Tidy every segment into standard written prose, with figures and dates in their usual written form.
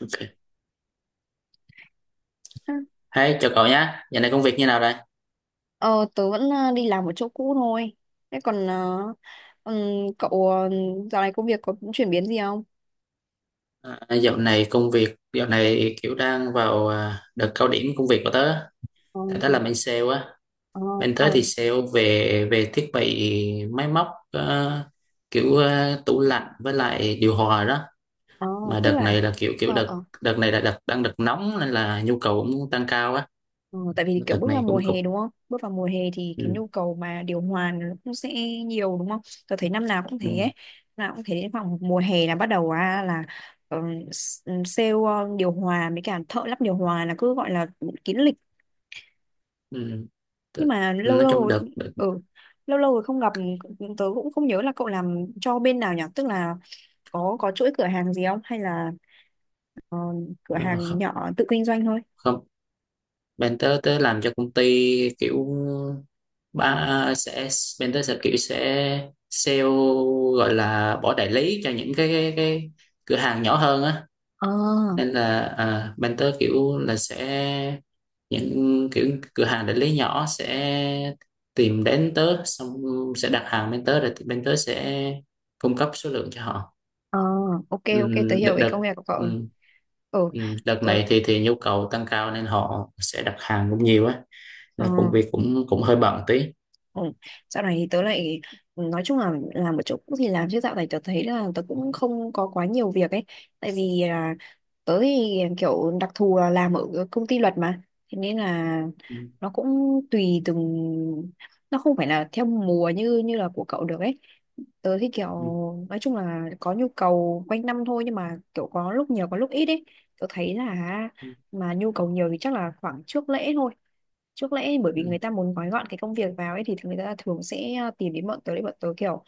Ok. Hey, chào cậu nhé. Dạo này công việc như nào đây? Ờ, tớ vẫn đi làm ở chỗ cũ thôi. Thế còn ừm, cậu dạo này công việc có chuyển biến gì không? À, dạo này công việc, dạo này kiểu đang vào đợt cao điểm công việc của tớ. Ờ, Tại tớ làm bên sale á. ờ, Bên tớ à, thì sale về về thiết bị máy móc kiểu tủ lạnh với lại điều hòa đó. ờ, Mà tức đợt là này là kiểu kiểu ờ, đợt ờ, đợt này là đợt đang đợt nóng nên là nhu cầu cũng tăng cao á. ờ, tại vì kiểu Đợt bước vào này mùa cũng cục. hè đúng không? Bước vào mùa hè thì cái Ừ, nhu cầu mà điều hòa nó cũng sẽ nhiều đúng không? Tớ thấy năm nào cũng thế ừ, ấy. Năm nào cũng thế đến khoảng mùa hè là bắt đầu, là ờ, sale điều hòa với cả thợ lắp điều hòa là cứ gọi là kín lịch. ừ. Nhưng Đợt- mà lâu Nói lâu chung rồi đợt ừ lâu lâu rồi không gặp, tớ cũng không nhớ là cậu làm cho bên nào nhỉ. Tức là có chuỗi cửa hàng gì không hay là ờ, cửa ờ, hàng không, nhỏ tự kinh doanh thôi. không. Bên tớ tớ làm cho công ty kiểu ba sẽ mentor sẽ kiểu sẽ sale, gọi là bỏ đại lý cho những cái cửa hàng nhỏ hơn á, Ờ, nên là mentor kiểu là sẽ những kiểu cửa hàng đại lý nhỏ sẽ tìm đến tớ, xong sẽ đặt hàng bên tớ rồi thì bên tớ sẽ cung cấp số lượng cho họ. ờ, ok, ok, tớ hiểu Đợt cái công đợt việc của cậu rồi. ừm, Ừ, đợt tớ. này thì nhu cầu tăng cao nên họ sẽ đặt hàng cũng nhiều á, ờ là công việc cũng cũng hơi bận tí. Ừ. Dạo này thì tớ lại nói chung là làm một chỗ cũng thì làm, chứ dạo này tớ thấy là tớ cũng không có quá nhiều việc ấy. Tại vì là tớ thì kiểu đặc thù là làm ở công ty luật mà, thế nên là Ừm, nó cũng tùy từng, nó không phải là theo mùa như như là của cậu được ấy. Tớ thì kiểu ừm, nói chung là có nhu cầu quanh năm thôi, nhưng mà kiểu có lúc nhiều có lúc ít ấy. Tớ thấy là mà nhu cầu nhiều thì chắc là khoảng trước lễ thôi. Trước lẽ bởi vì ừm. người ta muốn gói gọn cái công việc vào ấy thì người ta thường sẽ tìm đến bọn tớ để bọn tớ kiểu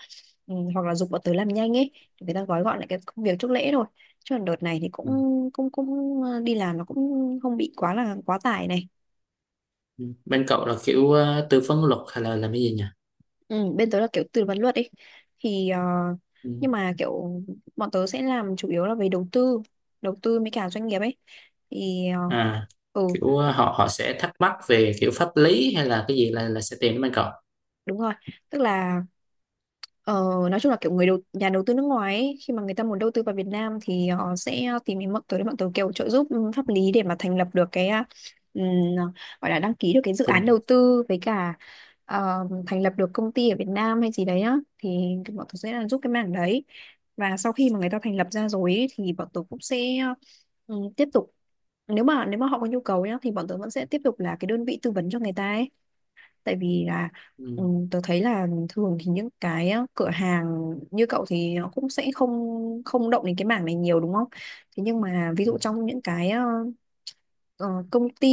ừ, hoặc là giục bọn tớ làm nhanh ấy thì người ta gói gọn lại cái công việc trước lễ thôi. Chứ còn đợt này thì cũng Ừ. cũng cũng đi làm nó cũng không bị quá là quá tải này. Ừ. Bên cậu là kiểu tư vấn luật hay là làm cái gì nhỉ? Ừ, bên tớ là kiểu tư vấn luật ấy thì Ừ. nhưng mà kiểu bọn tớ sẽ làm chủ yếu là về đầu tư với cả doanh nghiệp ấy thì ờ, À, ừ, kiểu họ họ sẽ thắc mắc về kiểu pháp lý hay là cái gì là sẽ tìm đến bên cậu. đúng rồi. Tức là ờ, nói chung là kiểu người đầu nhà đầu tư nước ngoài ấy, khi mà người ta muốn đầu tư vào Việt Nam thì họ sẽ tìm đến bọn tớ để bọn tớ kiểu trợ giúp ừ, pháp lý để mà thành lập được cái ừm, gọi là đăng ký được cái dự Cùng. án đầu tư với cả thành lập được công ty ở Việt Nam hay gì đấy á, thì bọn tớ sẽ là giúp cái mảng đấy. Và sau khi mà người ta thành lập ra rồi ấy, thì bọn tớ cũng sẽ ừ, tiếp tục. Nếu mà họ có nhu cầu nhá thì bọn tớ vẫn sẽ tiếp tục là cái đơn vị tư vấn cho người ta ấy. Tại vì là Ừ. ừ, tớ thấy là thường thì những cái cửa hàng như cậu thì nó cũng sẽ không không động đến cái mảng này nhiều đúng không? Thế nhưng mà ví Ừ. dụ trong những cái ờ, công ty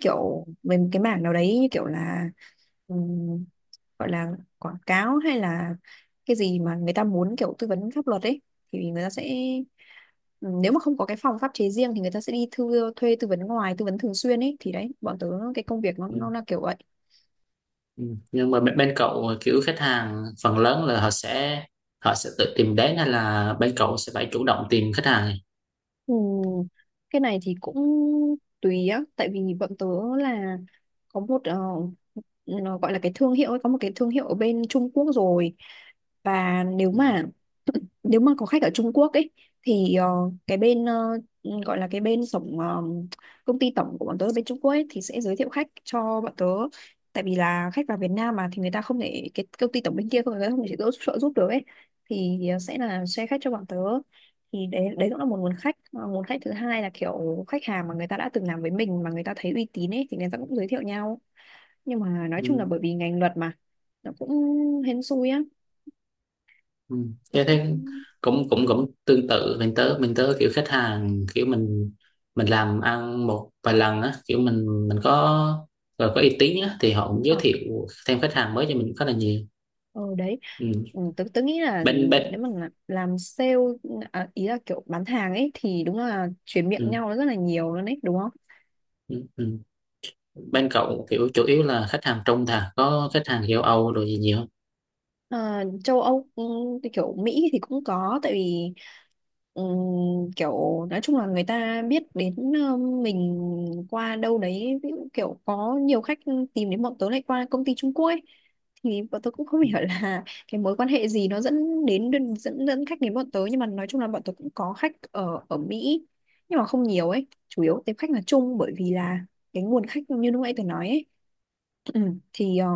kiểu về một cái mảng nào đấy như kiểu là ừm, gọi là quảng cáo hay là cái gì mà người ta muốn kiểu tư vấn pháp luật ấy thì người ta sẽ nếu mà không có cái phòng pháp chế riêng thì người ta sẽ đi thuê tư vấn ngoài tư vấn thường xuyên ấy, thì đấy bọn tớ cái công việc Ừ. nó là kiểu vậy. Ừ. Nhưng mà bên cậu kiểu khách hàng phần lớn là họ sẽ tự tìm đến hay là bên cậu sẽ phải chủ động tìm khách hàng. Ừ. Cái này thì cũng tùy á, tại vì bọn tớ là có một nó gọi là cái thương hiệu ấy, có một cái thương hiệu ở bên Trung Quốc rồi. Và nếu Ừ. mà nếu mà có khách ở Trung Quốc ấy thì cái bên gọi là cái bên tổng công ty tổng của bọn tớ ở bên Trung Quốc ấy thì sẽ giới thiệu khách cho bọn tớ. Tại vì là khách vào Việt Nam mà thì người ta không thể, cái công ty tổng bên kia không, người ta không thể trợ giúp được ấy thì sẽ là share khách cho bọn tớ, thì đấy đấy cũng là một nguồn khách. Mà nguồn khách thứ hai là kiểu khách hàng mà người ta đã từng làm với mình mà người ta thấy uy tín ấy, thì người ta cũng giới thiệu nhau. Nhưng mà nói chung là Ừ. bởi vì ngành luật mà nó cũng hên xui á, Ừ. nó Thế cũng thế cũng cũng cũng tương tự mình tớ kiểu khách hàng kiểu mình làm ăn một vài lần á, kiểu mình có rồi có uy tín á thì họ cũng giới ờ, thiệu thêm khách hàng mới cho mình khá là nhiều. ờ, đấy. Ừ. Ừ, tớ nghĩ là bên nếu bên mà làm sale, à, ý là kiểu bán hàng ấy, thì đúng là chuyển miệng ừ. nhau nó rất là nhiều luôn đấy đúng không. Ừ. Ừ. Bên cậu kiểu chủ yếu là khách hàng trung thà, có khách hàng châu Âu rồi gì nhiều không? Ờ, châu Âu ừ, thì kiểu Mỹ thì cũng có. Tại vì ừm, kiểu nói chung là người ta biết đến mình qua đâu đấy, ví dụ kiểu có nhiều khách tìm đến bọn tớ lại qua công ty Trung Quốc ấy, thì bọn tớ cũng không hiểu là cái mối quan hệ gì nó dẫn đến dẫn dẫn khách đến bọn tớ. Nhưng mà nói chung là bọn tớ cũng có khách ở ở Mỹ, nhưng mà không nhiều ấy, chủ yếu tiếp khách là Trung, bởi vì là cái nguồn khách như lúc nãy tớ nói ấy. Ừ, thì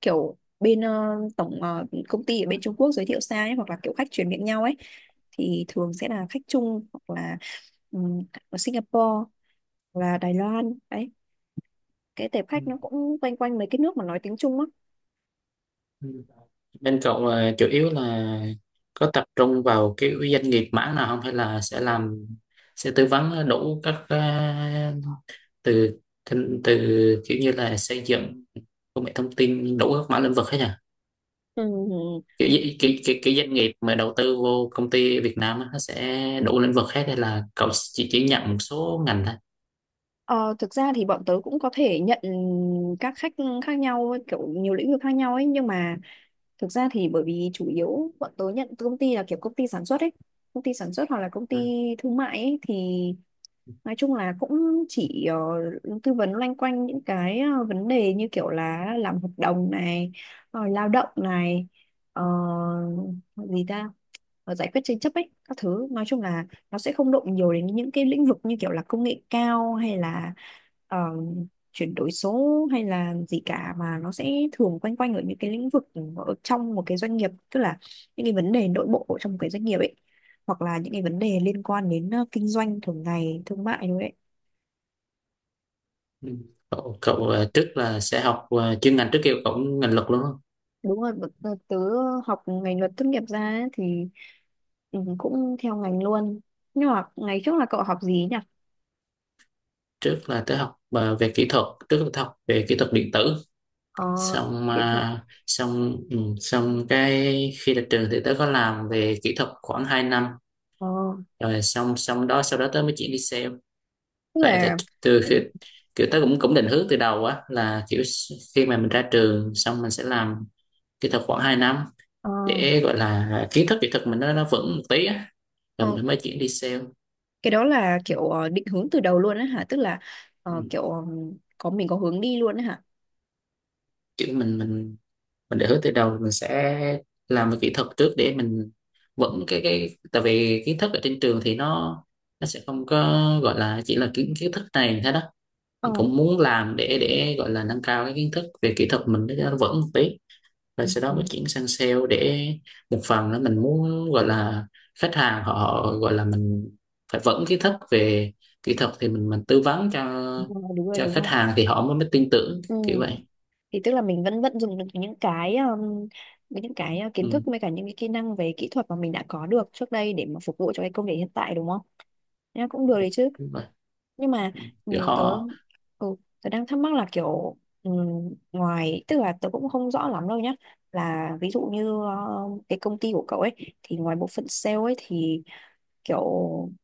kiểu bên tổng công ty ở bên Trung Quốc giới thiệu sang ấy, hoặc là kiểu khách chuyển miệng nhau ấy, thì thường sẽ là khách Trung hoặc là ừm, ở Singapore hoặc là Đài Loan đấy, cái tệp Ừ. khách nó cũng quanh quanh mấy cái nước mà nói tiếng Trung á. Ừ. Bên cậu là chủ yếu là có tập trung vào cái doanh nghiệp mảng nào không, hay là sẽ làm sẽ tư vấn đủ các từ từ kiểu như là xây dựng, công nghệ thông tin, đủ các mảng lĩnh vực hết nhỉ, Ừm, kiểu, cái kiểu doanh nghiệp mà đầu tư vô công ty Việt Nam á, nó sẽ đủ lĩnh vực hết hay là cậu chỉ nhận một số ngành thôi. ờ, thực ra thì bọn tớ cũng có thể nhận các khách khác nhau ấy, kiểu nhiều lĩnh vực khác nhau ấy, nhưng mà thực ra thì bởi vì chủ yếu bọn tớ nhận từ công ty là kiểu công ty sản xuất ấy, công ty sản xuất hoặc là công ty Ừ. thương mại ấy thì nói chung là cũng chỉ tư vấn loanh quanh những cái vấn đề như kiểu là làm hợp đồng này, rồi lao động này, ờ, gì ta, giải quyết tranh chấp ấy, các thứ. Nói chung là nó sẽ không động nhiều đến những cái lĩnh vực như kiểu là công nghệ cao hay là ờ, chuyển đổi số hay là gì cả, mà nó sẽ thường quanh quanh ở những cái lĩnh vực ở trong một cái doanh nghiệp, tức là những cái vấn đề nội bộ ở trong một cái doanh nghiệp ấy, hoặc là những cái vấn đề liên quan đến kinh doanh thường ngày thương mại đúng đấy. Ừ. Cậu trước là sẽ học chuyên ngành, trước kia cậu cũng ngành luật luôn không? Đúng rồi, tớ học ngành luật tốt nghiệp ra ấy, thì ừ, cũng theo ngành luôn. Nhưng mà ngày trước là cậu học gì nhỉ? Trước là tới học về kỹ thuật, trước là tới học về kỹ thuật điện tử Ờ, xong kỹ thuật. Xong xong cái khi ra trường thì tớ có làm về kỹ thuật khoảng 2 năm ờ, rồi xong xong đó, sau đó tớ mới chuyển đi sale. Tức Tại tại là từ khi kiểu tớ cũng cũng định hướng từ đầu á, là kiểu khi mà mình ra trường xong mình sẽ làm kỹ thuật khoảng 2 năm ờ, để gọi là kiến thức kỹ thuật mình nó vững một tí á, rồi ờ, mình mới chuyển đi sale. cái đó là kiểu định hướng từ đầu luôn á hả, tức là ờ, Ừ. kiểu ờ, có mình có hướng đi luôn á hả? Kiểu mình định hướng từ đầu mình sẽ làm về kỹ thuật trước để mình vững cái tại vì kiến thức ở trên trường thì nó sẽ không có gọi là, chỉ là kiến kiến thức này thế đó. Ờ, Mình cũng muốn làm để gọi là nâng cao cái kiến thức về kỹ thuật mình để cho nó vững một tí, rồi ừ, sau đó ừ, mới chuyển sang sale để một phần là mình muốn gọi là khách hàng, họ gọi là mình phải vững kiến thức về kỹ thuật thì mình tư vấn cho đúng rồi, đúng rồi, đúng khách rồi. hàng thì họ mới mới tin tưởng Ừ, kiểu vậy. thì tức là mình vẫn vẫn dùng được những cái kiến thức Ừ, với cả những cái kỹ năng về kỹ thuật mà mình đã có được trước đây để mà phục vụ cho cái công việc hiện tại đúng không? Nha, cũng được đấy chứ. đúng vậy, Nhưng mà ừ, kiểu tớ họ, ừ, đang thắc mắc là kiểu ừ, ngoài, tức là tớ cũng không rõ lắm đâu nhá. Là ví dụ như cái công ty của cậu ấy, thì ngoài bộ phận sale ấy thì kiểu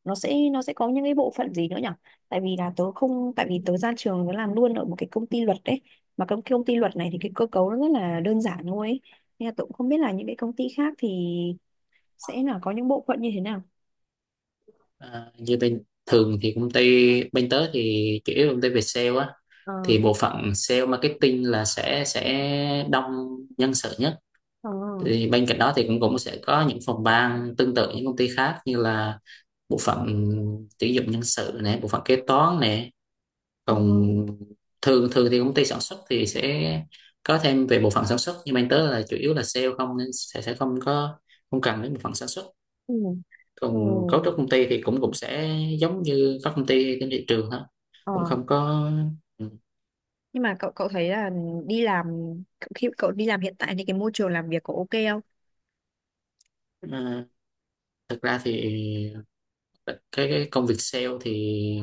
nó sẽ có những cái bộ phận gì nữa nhỉ? Tại vì là tớ không, tại vì tớ ra trường tớ làm luôn ở một cái công ty luật đấy, mà công công ty luật này thì cái cơ cấu nó rất là đơn giản thôi ấy. Nên là tôi cũng không biết là những cái công ty khác thì sẽ là có những bộ phận như thế nào. à, như bên thường thì công ty bên tớ thì chủ yếu là công ty về sale á, Ờ, thì bộ phận sale marketing là sẽ đông nhân sự nhất, ờ, thì bên cạnh đó thì cũng cũng sẽ có những phòng ban tương tự những công ty khác, như là bộ phận tuyển dụng nhân sự này, bộ phận kế toán này, ừ, còn thường thường thì công ty sản xuất thì sẽ có thêm về bộ phận sản xuất, nhưng mà anh tớ là chủ yếu là sale không nên sẽ không có, không cần đến bộ phận sản xuất. ừ, ừ, Còn cấu trúc công ty thì cũng cũng sẽ giống như các công ty trên thị trường thôi, ờ. cũng không có. Ừ. Nhưng mà cậu cậu thấy là đi làm, khi cậu đi làm hiện tại thì cái môi trường làm việc có ok không? À, thực ra thì cái công việc sale thì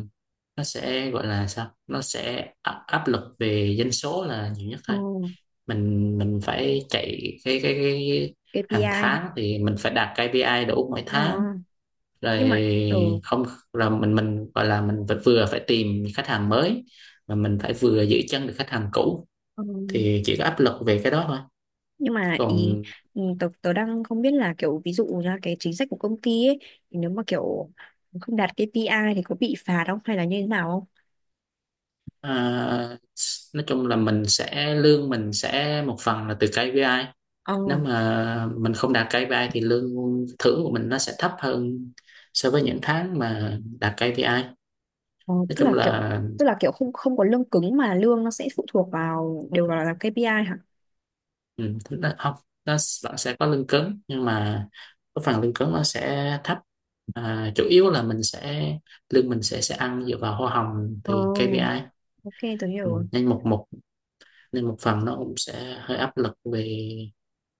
nó sẽ gọi là sao, nó sẽ áp áp lực về doanh số là nhiều nhất Ờ, thôi. Mình phải chạy cái KPI hàng hả? tháng thì mình phải đạt KPI đủ mỗi Ờ, tháng nhưng rồi, mà ừ, không là mình gọi là mình phải vừa phải tìm khách hàng mới, mà mình phải vừa giữ chân được khách hàng cũ, ờ, thì chỉ có áp lực về cái đó thôi. nhưng mà ý Còn ừ, tớ đang không biết là kiểu ví dụ ra cái chính sách của công ty ấy thì nếu mà kiểu không đạt KPI thì có bị phạt không hay là như thế nào? à, nói chung là mình sẽ lương mình sẽ một phần là từ KPI, Ờ, nếu mà mình không đạt KPI thì lương thưởng của mình nó sẽ thấp hơn so với những tháng mà đạt KPI, nói ờ, tức chung là kiểu, là. tức là kiểu không, không có lương cứng mà lương nó sẽ phụ thuộc vào đều vào là KPI hả? Ừ, thứ đó, không, nó bạn sẽ có lương cứng, nhưng mà cái phần lương cứng nó sẽ thấp, à, chủ yếu là mình sẽ lương mình sẽ ăn dựa vào hoa hồng Ờ, thì KPI. ok, tôi hiểu Ừ, rồi. nên một một nên một phần nó cũng sẽ hơi áp lực về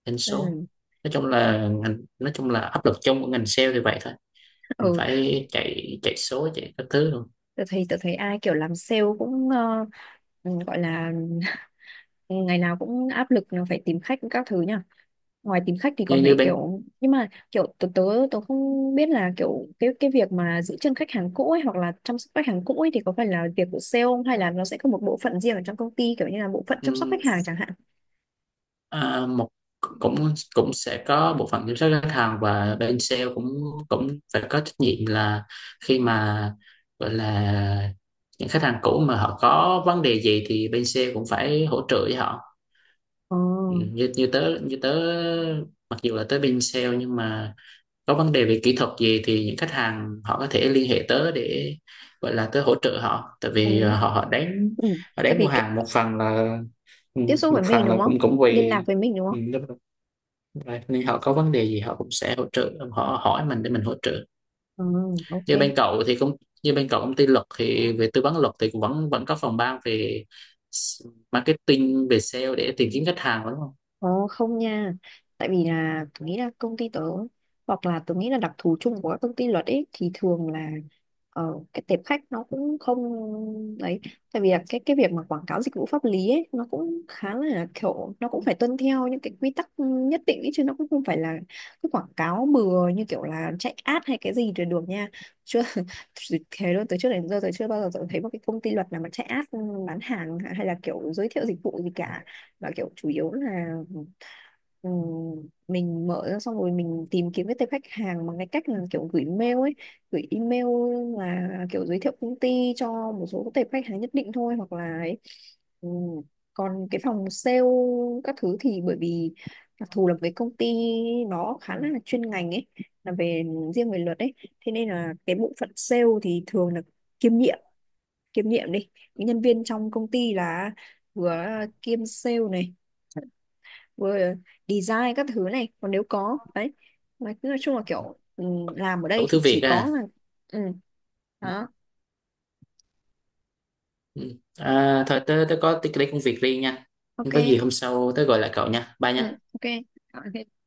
doanh số. Ừ. Nói chung là ngành, nói chung là áp lực chung của ngành sale thì vậy thôi, mình Ừ, phải chạy chạy số chạy các thứ luôn. tôi thấy, tôi thấy ai kiểu làm sale cũng ừ, gọi là ừ, ngày nào cũng áp lực là phải tìm khách các thứ nhỉ. Ngoài tìm khách thì Như còn như phải kiểu, nhưng mà kiểu tớ tớ tớ không biết là kiểu cái việc mà giữ chân khách hàng cũ ấy hoặc là chăm sóc khách hàng cũ ấy thì có phải là việc của sale không, hay là nó sẽ có một bộ phận riêng ở trong công ty kiểu như là bộ phận chăm sóc khách Bên, hàng chẳng hạn. à, một cũng cũng sẽ có bộ phận kiểm soát khách hàng, và bên sale cũng cũng phải có trách nhiệm là khi mà gọi là những khách hàng cũ mà họ có vấn đề gì thì bên sale cũng phải hỗ trợ với họ. Ờ. Ừ, như như tớ, mặc dù là tới bên sale nhưng mà có vấn đề về kỹ thuật gì thì những khách hàng họ có thể liên hệ tớ để gọi là tớ hỗ trợ họ, tại vì Ừ. họ họ đánh, Ừ. họ Tại đánh mua vì kiểu hàng một phần là ừ, tiếp xúc một với mình phần là đúng không? cũng cũng Liên lạc vì với mình đúng ừ, không? right. Nên họ có vấn đề gì họ cũng sẽ hỗ trợ, họ hỏi mình để mình hỗ trợ. Ừ, ok. Như bên cậu thì cũng, như bên cậu công ty luật thì về tư vấn luật thì cũng vẫn vẫn có phòng ban về s- marketing về sale để tìm kiếm khách hàng đúng không? Ồ không nha. Tại vì là tôi nghĩ là công ty tớ, hoặc là tôi nghĩ là đặc thù chung của các công ty luật ấy, thì thường là cái tệp khách nó cũng không, đấy, tại vì là cái việc mà quảng cáo dịch vụ pháp lý ấy nó cũng khá là kiểu, nó cũng phải tuân theo những cái quy tắc nhất định ấy, chứ nó cũng không phải là cứ quảng cáo bừa như kiểu là chạy ad hay cái gì trên đường nha. Chưa thế luôn, từ trước đến giờ tôi chưa bao giờ tôi thấy một cái công ty luật nào mà chạy ad bán hàng hay là kiểu giới thiệu dịch vụ gì cả, và kiểu chủ yếu là ừ, mình mở ra xong rồi mình tìm kiếm cái tệp khách hàng bằng cái cách là kiểu gửi mail ấy, gửi email là kiểu giới thiệu công ty cho một số tệp khách hàng nhất định thôi hoặc là ấy. Ừ. Còn cái phòng sale các thứ thì bởi vì đặc thù là với công ty nó khá là chuyên ngành ấy, là về riêng về luật ấy, thế nên là cái bộ phận sale thì thường là kiêm nhiệm kiêm nhiệm đi, những nhân viên trong công ty là vừa kiêm sale này, vừa design các thứ này, còn nếu có đấy mà cứ nói chung là kiểu ừ, làm ở đây Đủ thì thứ việc chỉ có à. là ừ đó. Ừ. À thôi tớ có tí cái công việc riêng nha. Nếu Ok. có gì hôm sau tớ gọi lại cậu nha, bye Ừ. nha. Ok. Ok.